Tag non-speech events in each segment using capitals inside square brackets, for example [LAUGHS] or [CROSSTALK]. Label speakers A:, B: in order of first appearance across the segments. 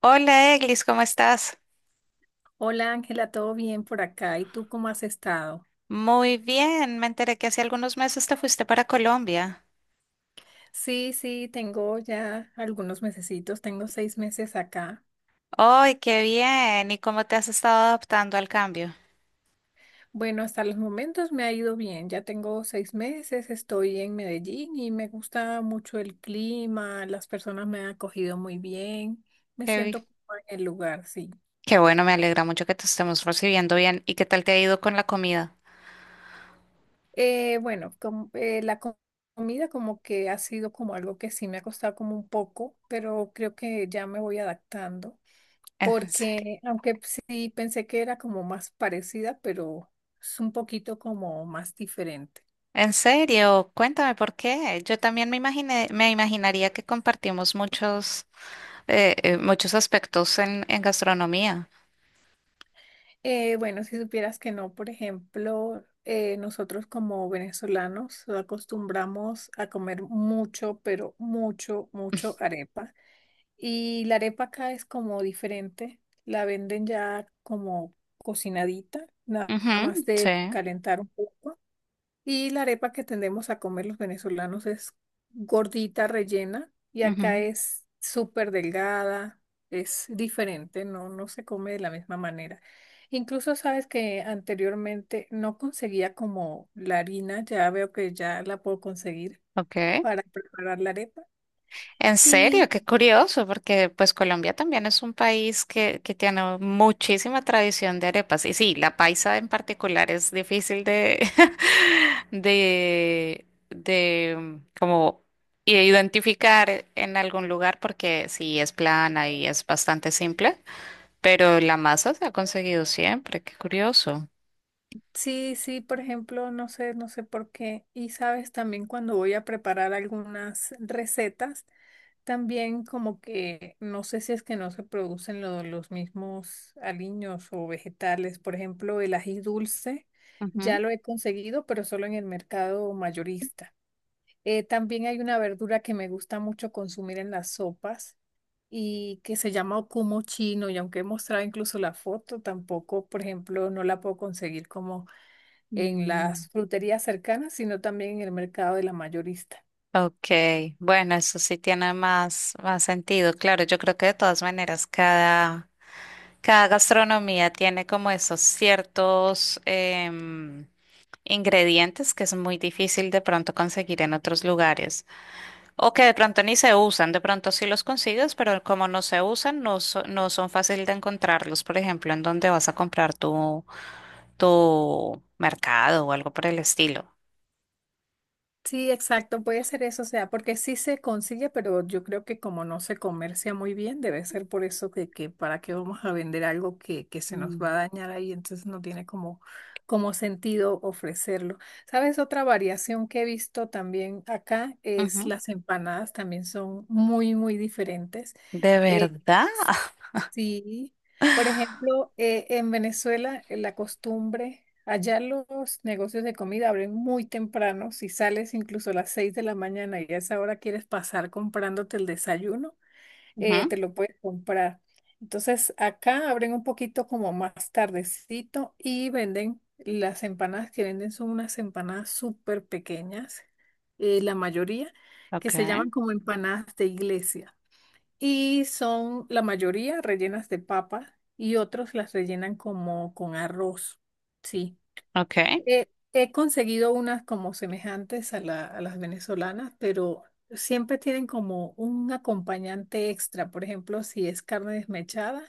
A: Hola Eglis, ¿cómo estás?
B: Hola Ángela, ¿todo bien por acá? ¿Y tú cómo has estado?
A: Muy bien, me enteré que hace algunos meses te fuiste para Colombia.
B: Sí, sí, tengo ya algunos mesecitos, tengo 6 meses acá.
A: ¡Ay, qué bien! ¿Y cómo te has estado adaptando al cambio?
B: Bueno, hasta los momentos me ha ido bien, ya tengo 6 meses, estoy en Medellín y me gusta mucho el clima, las personas me han acogido muy bien, me
A: Qué, bi-
B: siento cómoda en el lugar, sí.
A: qué bueno, me alegra mucho que te estemos recibiendo bien. ¿Y qué tal te ha ido con la comida?
B: Bueno, comida como que ha sido como algo que sí me ha costado como un poco, pero creo que ya me voy adaptando.
A: En serio.
B: Porque aunque sí pensé que era como más parecida, pero es un poquito como más diferente.
A: En serio, cuéntame por qué. Yo también me imaginaría que compartimos muchos aspectos en gastronomía.
B: Bueno, si supieras que no, por ejemplo, nosotros como venezolanos acostumbramos a comer mucho, pero mucho, mucho arepa. Y la arepa acá es como diferente, la venden ya como cocinadita, nada más
A: Ujú,
B: de
A: sí.
B: calentar un poco. Y la arepa que tendemos a comer los venezolanos es gordita, rellena, y acá
A: Ujú.
B: es súper delgada, es diferente, no, no se come de la misma manera. Incluso sabes que anteriormente no conseguía como la harina, ya veo que ya la puedo conseguir
A: Ok.
B: para preparar la arepa.
A: En serio,
B: Y
A: qué curioso, porque pues Colombia también es un país que tiene muchísima tradición de arepas. Y sí, la paisa en particular es difícil [LAUGHS] de como identificar en algún lugar porque sí es plana y es bastante simple, pero la masa se ha conseguido siempre, qué curioso.
B: sí, sí, por ejemplo, no sé, no sé por qué. Y sabes también cuando voy a preparar algunas recetas. También como que no sé si es que no se producen los mismos aliños o vegetales. Por ejemplo, el ají dulce ya
A: Ujú.
B: lo he conseguido, pero solo en el mercado mayorista. También hay una verdura que me gusta mucho consumir en las sopas y que se llama ocumo chino y aunque he mostrado incluso la foto, tampoco, por ejemplo, no la puedo conseguir como en
A: Mm.
B: las fruterías cercanas, sino también en el mercado de la mayorista.
A: Ok, bueno, eso sí tiene más sentido. Claro, yo creo que de todas maneras cada... Cada gastronomía tiene como esos ciertos ingredientes que es muy difícil de pronto conseguir en otros lugares o que de pronto ni se usan, de pronto sí los consigues, pero como no se usan, no son fácil de encontrarlos, por ejemplo, en donde vas a comprar tu mercado o algo por el estilo.
B: Sí, exacto, puede ser eso, o sea, porque sí se consigue, pero yo creo que como no se comercia muy bien, debe ser por eso que para qué vamos a vender algo que se nos va
A: Mm.
B: a dañar ahí, entonces no tiene como, como sentido ofrecerlo. ¿Sabes? Otra variación que he visto también acá es
A: Ujú.
B: las empanadas, también son muy, muy diferentes.
A: ¿De
B: Eh,
A: verdad? [LAUGHS]
B: Sí, por ejemplo, en Venezuela la costumbre, allá los negocios de comida abren muy temprano, si sales incluso a las 6 de la mañana y a esa hora quieres pasar comprándote el desayuno,
A: Ujú.
B: te lo puedes comprar. Entonces, acá abren un poquito como más tardecito y venden las empanadas que venden son unas empanadas súper pequeñas, la mayoría, que
A: Ok,
B: se llaman como empanadas de iglesia y son la mayoría rellenas de papa y otros las rellenan como con arroz. Sí,
A: ok,
B: he conseguido unas como semejantes a, a las venezolanas, pero siempre tienen como un acompañante extra. Por ejemplo, si es carne desmechada,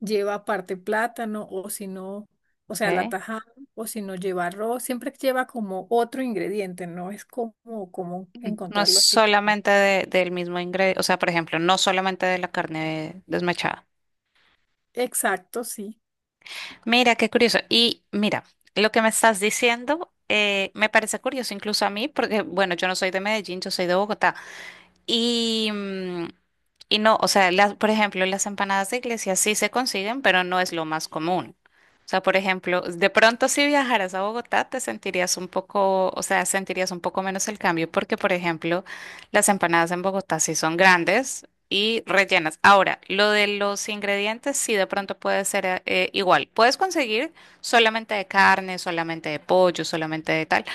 B: lleva aparte plátano o si no, o sea, la
A: ok.
B: tajada. O si no lleva arroz, siempre lleva como otro ingrediente, no es como común
A: No es
B: encontrarlo así como.
A: solamente del mismo ingrediente, o sea, por ejemplo, no solamente de la carne desmechada.
B: Exacto, sí,
A: Mira, qué curioso. Y mira, lo que me estás diciendo me parece curioso incluso a mí, porque bueno, yo no soy de Medellín, yo soy de Bogotá. Y, mm, y no, o sea, por ejemplo, las empanadas de iglesia sí se consiguen, pero no es lo más común. O sea, por ejemplo, de pronto si viajaras a Bogotá te sentirías un poco, o sea, sentirías un poco menos el cambio porque, por ejemplo, las empanadas en Bogotá sí son grandes y rellenas. Ahora, lo de los ingredientes sí de pronto puede ser, igual. Puedes conseguir solamente de carne, solamente de pollo, solamente de tal.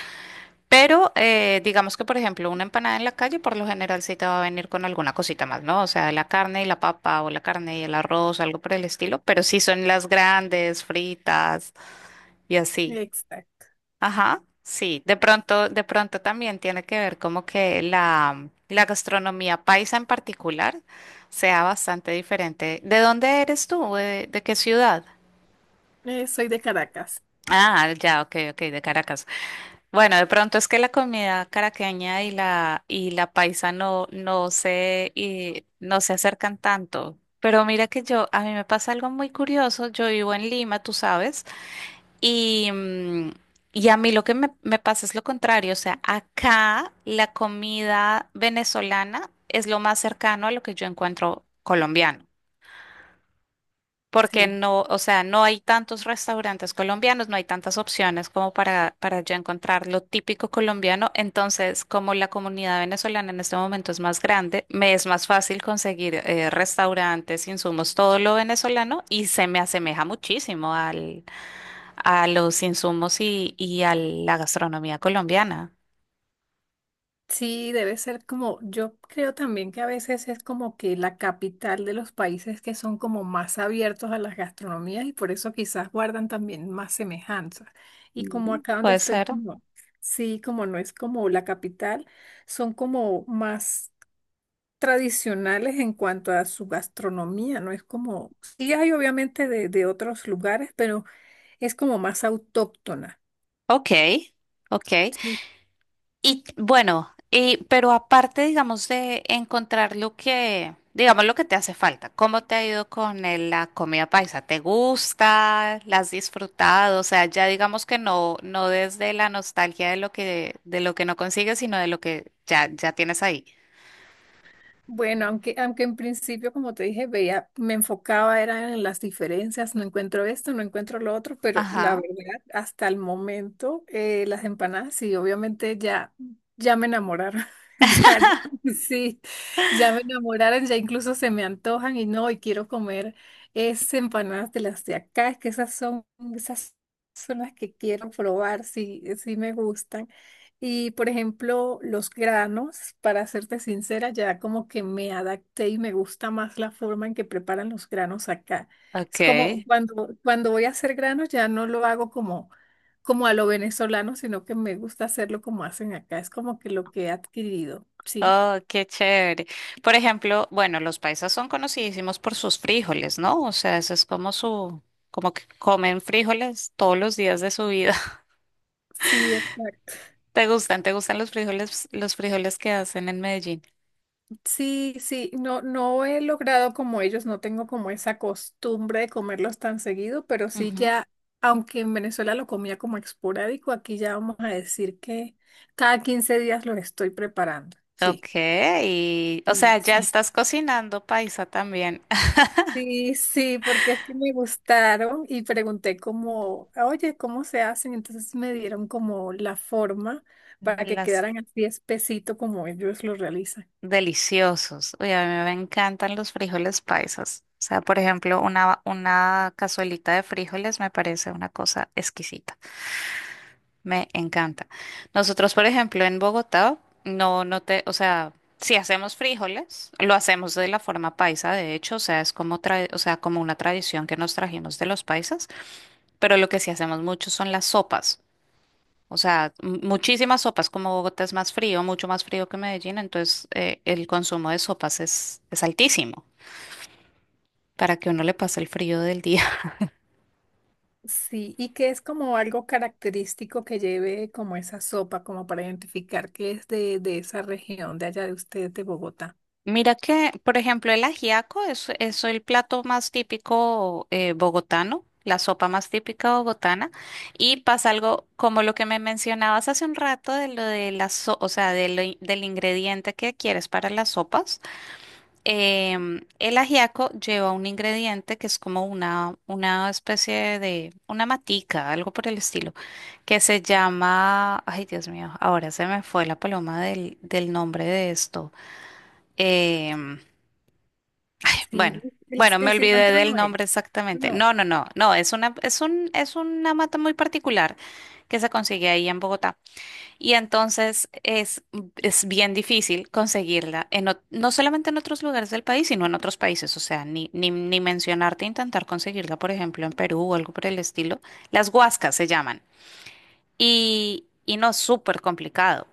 A: Pero digamos que, por ejemplo, una empanada en la calle por lo general sí te va a venir con alguna cosita más, ¿no? O sea, la carne y la papa o la carne y el arroz, algo por el estilo, pero sí son las grandes, fritas y así.
B: exacto.
A: Ajá, sí. De pronto también tiene que ver como que la gastronomía paisa en particular sea bastante diferente. ¿De dónde eres tú? De qué ciudad?
B: Soy de Caracas,
A: Ah, ya, ok, ok, de Caracas. Bueno, de pronto es que la comida caraqueña y la paisa no no se y no se acercan tanto. Pero mira que yo a mí me pasa algo muy curioso. Yo vivo en Lima, tú sabes, y mm, y a mí lo que me pasa es lo contrario. O sea, acá la comida venezolana es lo más cercano a lo que yo encuentro colombiano porque
B: sí.
A: no, o sea, no hay tantos restaurantes colombianos, no hay tantas opciones como para yo encontrar lo típico colombiano. Entonces, como la comunidad venezolana en este momento es más grande, me es más fácil conseguir restaurantes, insumos, todo lo venezolano y se me asemeja muchísimo a los insumos y a la gastronomía colombiana.
B: Sí, debe ser como, yo creo también que a veces es como que la capital de los países que son como más abiertos a las gastronomías y por eso quizás guardan también más semejanzas. Y como
A: Mm.
B: acá donde
A: Puede
B: estoy,
A: ser.
B: como, sí, como no es como la capital, son como más tradicionales en cuanto a su gastronomía, no es como, sí hay obviamente de otros lugares, pero es como más autóctona.
A: Ok, ok.
B: Sí,
A: Y bueno, y, pero aparte, digamos, de encontrar lo que, digamos, lo que te hace falta, ¿cómo te ha ido con la comida paisa? ¿Te gusta? ¿La has disfrutado? O sea, ya digamos que no, no desde la nostalgia de lo que no consigues, sino de lo que ya, ya tienes ahí.
B: bueno, aunque, aunque en principio, como te dije, veía, me enfocaba era en las diferencias, no encuentro esto, no encuentro lo otro, pero la
A: Ajá,
B: verdad, hasta el momento, las empanadas, sí, obviamente ya, ya me enamoraron, [LAUGHS] ya, ya, sí, ya me enamoraron, ya incluso se me antojan y no, y quiero comer esas empanadas de las de acá, es que esas son las que quiero probar, sí, sí me gustan. Y por ejemplo, los granos, para serte sincera, ya como que me adapté y me gusta más la forma en que preparan los granos acá. Es como
A: okay.
B: cuando voy a hacer granos ya no lo hago como, como a lo venezolano, sino que me gusta hacerlo como hacen acá. Es como que lo que he adquirido. Sí,
A: Oh, qué chévere. Por ejemplo, bueno, los paisas son conocidísimos por sus frijoles, ¿no? O sea, eso es como su, como que comen frijoles todos los días de su vida.
B: sí, exacto.
A: ¿Te gustan? ¿Te gustan los frijoles que hacen en Medellín?
B: Sí, sí, no, no he logrado como ellos, no tengo como esa costumbre de comerlos tan seguido, pero sí
A: Ujú.
B: ya, aunque en Venezuela lo comía como esporádico, aquí ya vamos a decir que cada 15 días los estoy preparando.
A: Ok,
B: Sí,
A: y, o sea,
B: sí,
A: ya
B: sí.
A: estás cocinando paisa también.
B: Sí, sí, porque es que me gustaron y pregunté como, oye, ¿cómo se hacen? Entonces me dieron como la forma
A: [LAUGHS]
B: para que
A: Las
B: quedaran así espesito como ellos lo realizan.
A: deliciosos. Oye, a mí me encantan los frijoles paisas. O sea, por ejemplo, una cazuelita de frijoles me parece una cosa exquisita. Me encanta. Nosotros, por ejemplo, en Bogotá, o sea, si hacemos frijoles, lo hacemos de la forma paisa, de hecho, o sea, es como o sea, como una tradición que nos trajimos de los paisas, pero lo que sí hacemos mucho son las sopas. O sea, muchísimas sopas, como Bogotá es más frío, mucho más frío que Medellín, entonces el consumo de sopas es altísimo para que uno le pase el frío del día.
B: Sí, y que es como algo característico que lleve como esa sopa, como para identificar que es de esa región, de allá de ustedes, de Bogotá.
A: Mira que, por ejemplo, el ajiaco es el plato más típico bogotano, la sopa más típica bogotana, y pasa algo como lo que me mencionabas hace un rato de lo de o sea, de lo del ingrediente que quieres para las sopas. El ajiaco lleva un ingrediente que es como una especie de, una matica, algo por el estilo, que se llama, ay Dios mío, ahora se me fue la paloma del nombre de esto. em,
B: Sí,
A: bueno, bueno, me
B: el
A: olvidé
B: cilantro
A: del
B: no es,
A: nombre exactamente.
B: no.
A: No, no, no, no, es una mata muy particular que se consigue ahí en Bogotá. Y entonces es bien difícil conseguirla, no solamente en otros lugares del país, sino en otros países. O sea, ni mencionarte intentar conseguirla, por ejemplo, en Perú o algo por el estilo. Las huascas se llaman. Y no, súper complicado.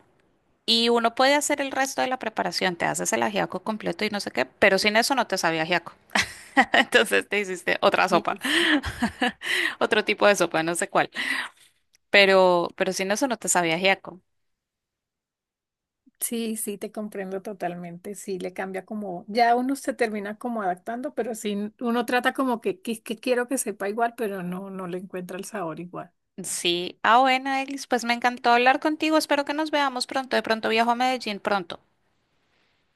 A: Y uno puede hacer el resto de la preparación, te haces el ajiaco completo y no sé qué, pero sin eso no te sabe ajiaco. [LAUGHS] Entonces te hiciste otra
B: Sí,
A: sopa,
B: sí,
A: [LAUGHS] otro tipo de sopa, no sé cuál. Pero sin eso no te sabía ajiaco.
B: sí, sí, te comprendo totalmente, sí, le cambia como, ya uno se termina como adaptando, pero sí, uno trata como que quiero que sepa igual, pero no, no le encuentra el sabor igual.
A: Sí, ah, bueno, Eglis, pues me encantó hablar contigo. Espero que nos veamos pronto. De pronto viajo a Medellín pronto.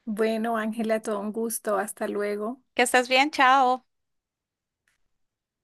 B: Bueno, Ángela, todo un gusto, hasta luego.
A: Que estés bien, chao.